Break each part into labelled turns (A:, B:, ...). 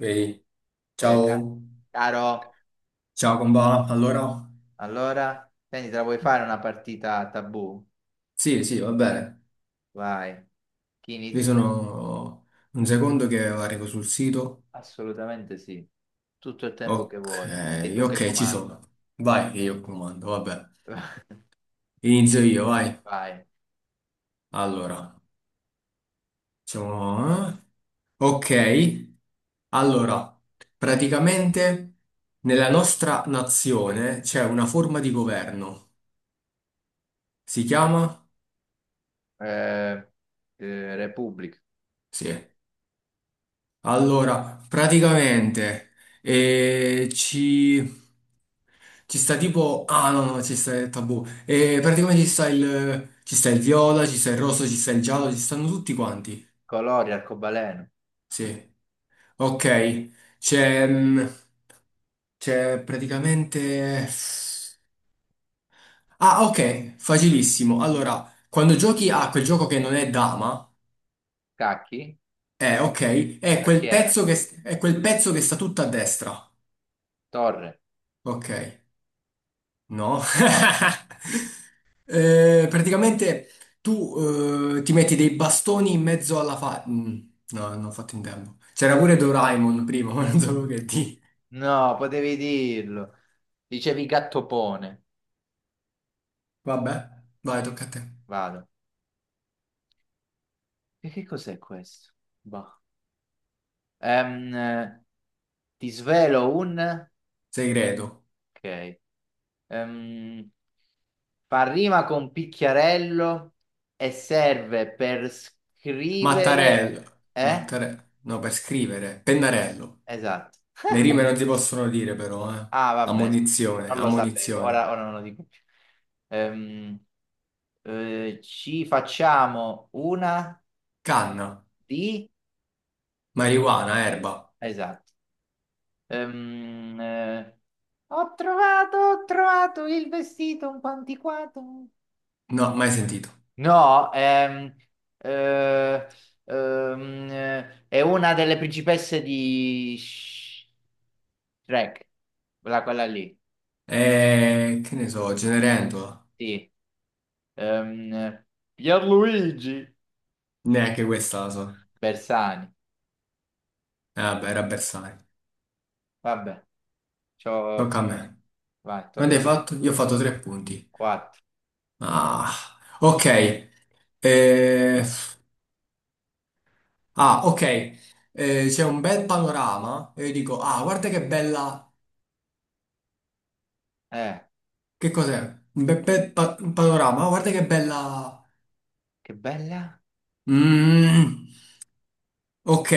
A: Vedi?
B: Poi,
A: Ciao,
B: caro,
A: ciao Comba. Allora,
B: allora, senti, te la vuoi fare una partita tabù?
A: sì, sì, va bene.
B: Vai. Chi
A: Io
B: inizia?
A: sono un secondo che arrivo sul sito.
B: Assolutamente sì. Tutto il tempo che
A: Ok,
B: vuoi. E tu che
A: ok, ci
B: comandi.
A: sono. Vai, che io comando, va bene. Inizio io, vai.
B: Vai.
A: Allora, facciamo, eh? Ok, allora, praticamente nella nostra nazione c'è una forma di governo. Si chiama?
B: Eh, Repubblica.
A: Sì. Allora, praticamente eh, ci, ci sta tipo. Ah, no, no, ci sta il tabù. Praticamente ci sta il viola, ci sta il rosso, ci sta il giallo, ci stanno tutti quanti.
B: Colori, arcobaleno.
A: Sì. Ok, c'è mm, c'è praticamente. Ah, ok, facilissimo. Allora, quando giochi a quel gioco che non è dama,
B: Cacchi?
A: ok, è
B: Cacchiera.
A: è quel pezzo che sta tutto a destra.
B: Torre.
A: Ok. No. Praticamente tu ti metti dei bastoni in mezzo alla fa... Mm, no, non ho fatto in tempo. C'era pure Doraemon prima, ma non so che di.
B: No, potevi dirlo. Dicevi gattopone.
A: Vabbè, vai, tocca a te.
B: Vado. E che cos'è questo? Boh. Ehm, eh, ti svelo un...
A: Segreto.
B: Ok. Ehm, fa rima con picchiarello e serve per
A: Mattarello.
B: scrivere... Eh?
A: Mattarello. No, per scrivere. Pennarello.
B: Esatto.
A: Le rime non si possono dire però, eh.
B: Ah, vabbè,
A: Ammonizione,
B: non lo sapevo,
A: ammonizione.
B: ora non lo dico più. Ehm, ci facciamo una
A: Canna.
B: di...
A: Marijuana, erba.
B: Esatto. Ehm, eh, ho trovato il vestito un po' antiquato.
A: No, mai sentito.
B: No, eh, è una delle principesse di Shrek, quella lì,
A: Che ne so, Cenerentola.
B: sì. Ehm, Pierluigi
A: Neanche questa la so.
B: Bersani,
A: Vabbè, era bersaglio.
B: vabbè, ci ho
A: Tocca a
B: fatto.
A: me.
B: Vai, tocca
A: Quanti
B: a
A: hai
B: te.
A: fatto? Io ho fatto tre punti.
B: Quattro.
A: Ah, ok. Eh, ah, ok. C'è un bel panorama. E io dico, ah, guarda che bella.
B: Eh,
A: Che cos'è? Un panorama. Ah, guarda che bella.
B: che bella.
A: Mm, ok.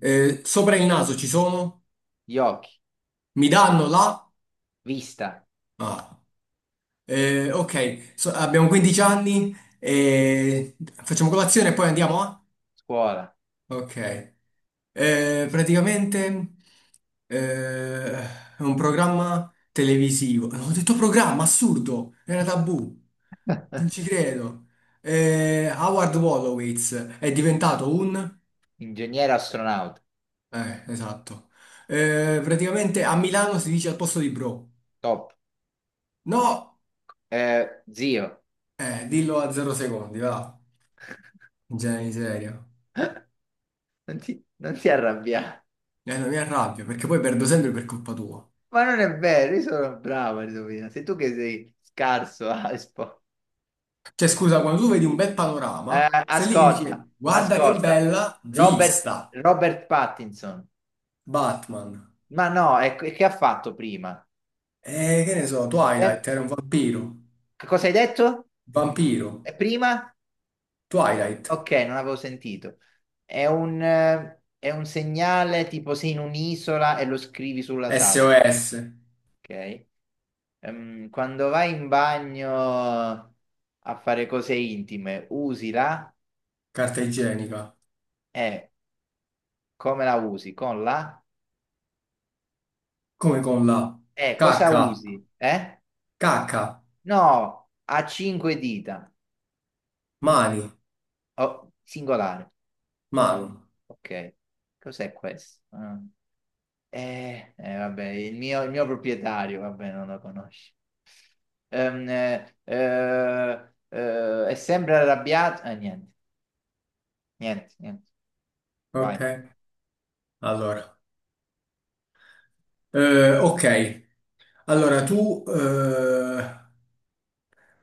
A: Sopra il naso ci sono?
B: Gli occhi,
A: Mi danno la?
B: vista,
A: Ah. Ok. Abbiamo 15 anni. E facciamo colazione e poi andiamo a?
B: scuola,
A: Ok. Praticamente è un programma televisivo. No, ho detto programma, assurdo! Era tabù. Non ci credo. Howard Wolowitz è diventato un.
B: ingegnere astronauta,
A: Esatto. Praticamente a Milano si dice al posto di bro.
B: top.
A: No!
B: Zio,
A: Dillo a 0 secondi, va. Genere di serio.
B: non ti arrabbiare.
A: Non mi arrabbio, perché poi perdo sempre per colpa tua.
B: Ma non è vero, io sono bravo a indovinare. Sei tu che sei scarso
A: Cioè, scusa, quando tu vedi un bel panorama, stai lì che
B: Ascolta,
A: dici, guarda che
B: ascolta.
A: bella
B: Robert,
A: vista.
B: Robert Pattinson.
A: Batman.
B: Ma no, è, che ha fatto prima?
A: E che ne so,
B: Eh,
A: Twilight era un vampiro.
B: che cosa hai detto?
A: Vampiro.
B: Prima?
A: Twilight.
B: Ok, non avevo sentito. È un segnale tipo sei in un'isola e lo scrivi sulla sabbia.
A: SOS.
B: Ok? Quando vai in bagno a fare cose intime, usi la...
A: Carta igienica.
B: E. Come la usi? Con la?
A: Come con la
B: Cosa
A: cacca.
B: usi? Eh?
A: Cacca.
B: No, ha cinque dita.
A: Mani.
B: Oh, singolare.
A: Mano.
B: Ok. Cos'è questo? Ah. Vabbè, il mio proprietario, vabbè, non lo conosci. È sempre arrabbiato. Niente, niente.
A: Ok,
B: Vai.
A: allora. Ok, allora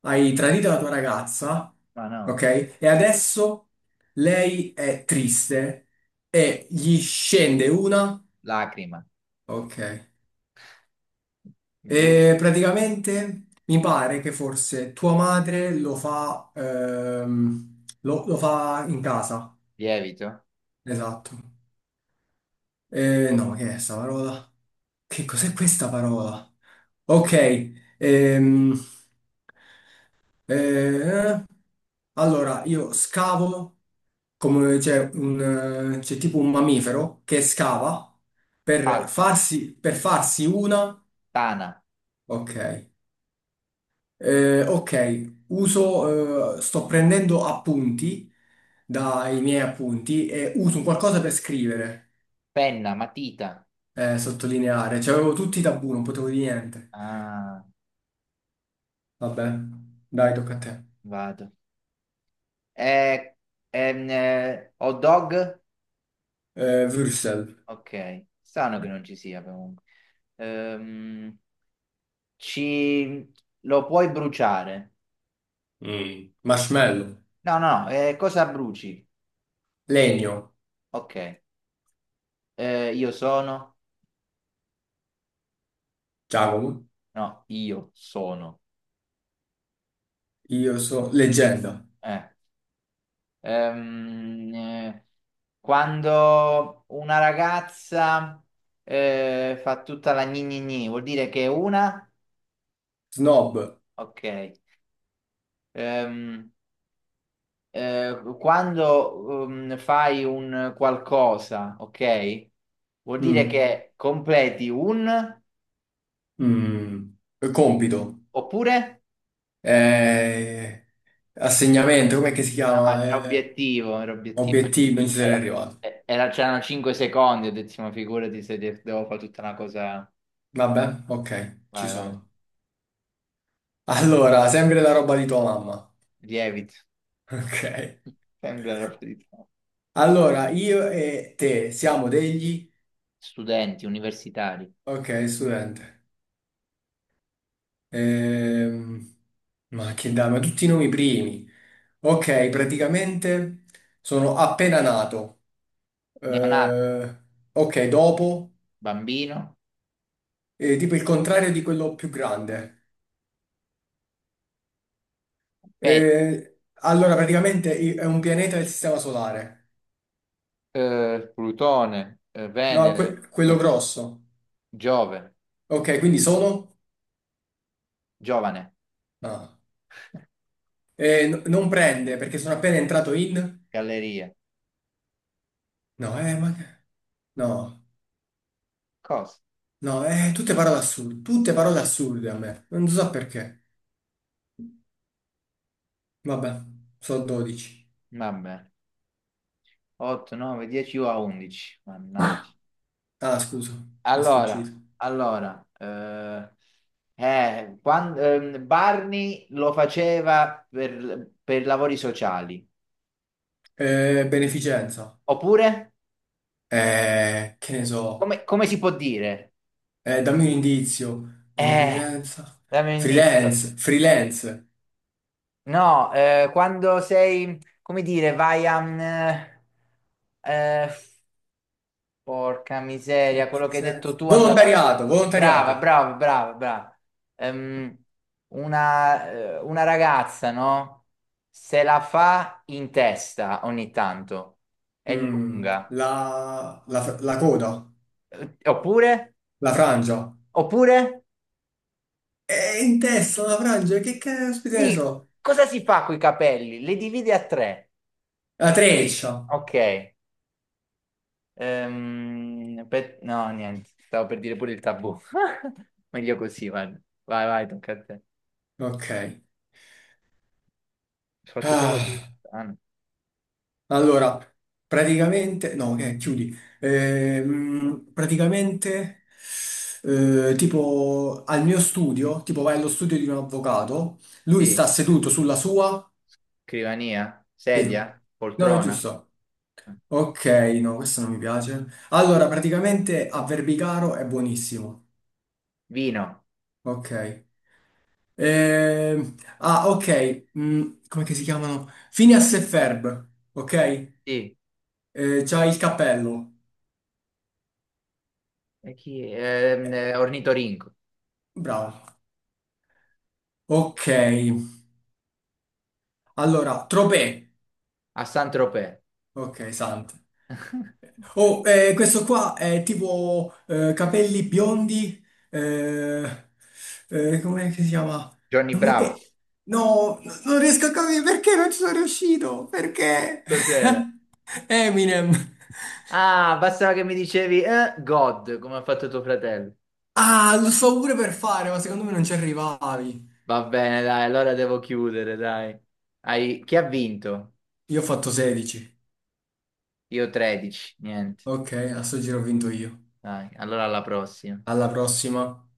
A: hai tradito la tua ragazza,
B: Ma no.
A: ok? E adesso lei è triste e gli scende una,
B: Lacrima,
A: ok?
B: brutto,
A: E praticamente mi pare che forse tua madre lo fa, lo fa in casa,
B: lievito,
A: esatto. No, che è sta parola? Che cos'è questa parola? Ok, ehm, eh, allora io scavo. Come c'è tipo un mammifero che scava per
B: palpa,
A: farsi, una.
B: tana,
A: Ok. Ok, sto prendendo appunti dai miei appunti e uso un qualcosa per scrivere,
B: penna, matita.
A: sottolineare. Cioè, avevo tutti i tabù, non potevo dire niente.
B: Ah,
A: Vabbè, dai, tocca a te.
B: vado. Eh, hot dog?
A: Würsel.
B: Ok, strano che non ci sia comunque. Ehm, ci... Lo puoi bruciare?
A: Mm. Marshmallow.
B: No, no, no, cosa bruci?
A: Legno.
B: Ok. Io sono?
A: Giacomo.
B: No, io sono.
A: Io sono leggenda.
B: Eh, ehm, eh, quando una ragazza fa tutta la gni gni gni, vuol dire che è una?
A: Snob.
B: Ok. Ehm, quando fai un qualcosa, ok? Vuol dire
A: Mm.
B: che completi un
A: Mm, Compito,
B: oppure?
A: eh, assegnamento, com'è che si
B: No,
A: chiama?
B: era obiettivo, era obiettivo.
A: Obiettivo, non ci sarei
B: Era,
A: arrivato.
B: c'erano 5 secondi, ho detto, ma figurati se devo fare tutta una cosa.
A: Vabbè, ok, ci
B: Vai.
A: sono. Allora, sempre la roba di tua mamma.
B: Lievito,
A: Ok.
B: sembra la verità.
A: Allora, io e te siamo degli.
B: Studenti, universitari,
A: Ok, studente. Ehm, ma che dai, ma tutti i nomi primi. Ok, praticamente sono appena nato.
B: neonato,
A: Eh, ok, dopo,
B: bambino,
A: tipo il contrario di quello più grande.
B: pet,
A: Allora, praticamente è un pianeta del Sistema Solare.
B: Plutone,
A: No, quello grosso.
B: Giove,
A: Ok, quindi sono?
B: giovane,
A: No. Non prende perché sono appena entrato in.
B: galleria.
A: No, No,
B: Cosa?
A: no, tutte parole assurde. Tutte parole assurde a me. Non so perché. Vabbè, sono 12.
B: Vabbè, 8, 9, 10 o a 11. Mannaggia.
A: Ah, scusa, mi è
B: Allora,
A: sfuggito.
B: allora, eh, Barney lo faceva per lavori sociali.
A: Beneficenza.
B: Oppure,
A: Che ne so.
B: come si può dire?
A: Dammi un indizio.
B: Eh,
A: Beneficenza.
B: dammi un indizio.
A: Freelance, freelance.
B: No, quando sei, come dire, vai a... eh, porca miseria, quello che hai detto
A: Beneficenza.
B: tu andava...
A: Volontariato,
B: Brava,
A: volontariato.
B: brava, brava, brava. Ehm, una ragazza, no? Se la fa in testa ogni tanto. È
A: Mm,
B: lunga.
A: la, la- la coda.
B: Oppure?
A: La frangia.
B: Oppure?
A: È in testa la frangia, che caspita ne
B: Sì,
A: so.
B: cosa si fa coi capelli? Li dividi a tre.
A: La treccia.
B: Ok. No, niente. Stavo per dire pure il tabù. Meglio così, guarda. Vai, tocca a te.
A: Ok.
B: Ho fatto solo tu.
A: Ah,
B: Ah, no.
A: allora, praticamente. No, ok, chiudi. Praticamente, tipo, al mio studio, tipo vai allo studio di un avvocato. Lui
B: Sì.
A: sta seduto sulla sua.
B: Scrivania, sedia,
A: Sì. No, è
B: poltrona,
A: giusto. Ok, no, questo non mi piace. Allora, praticamente a Verbicaro è buonissimo.
B: vino,
A: Ok. Ah, ok. Come che si chiamano? Phineas e Ferb. Ok?
B: sì,
A: C'ha il cappello.
B: e chi?
A: Eh,
B: Ornitorinco,
A: Bravo. Ok. Allora, Tropé.
B: a Saint-Tropez.
A: Ok, santo. Oh, questo qua è tipo, capelli biondi, eh, come si chiama?
B: Johnny
A: Non mi-
B: Bravo,
A: no, n- non riesco a capire perché non ci sono riuscito, perché?
B: cos'era?
A: Eminem.
B: Ah, bastava che mi dicevi God, come ha fatto tuo fratello.
A: Ah, lo sto pure per fare, ma secondo me non ci arrivavi.
B: Va bene, dai, allora devo chiudere, dai. Chi ha vinto?
A: Io ho fatto 16.
B: Io 13, niente.
A: Ok, a sto giro ho vinto io.
B: Dai, allora alla prossima.
A: Alla prossima.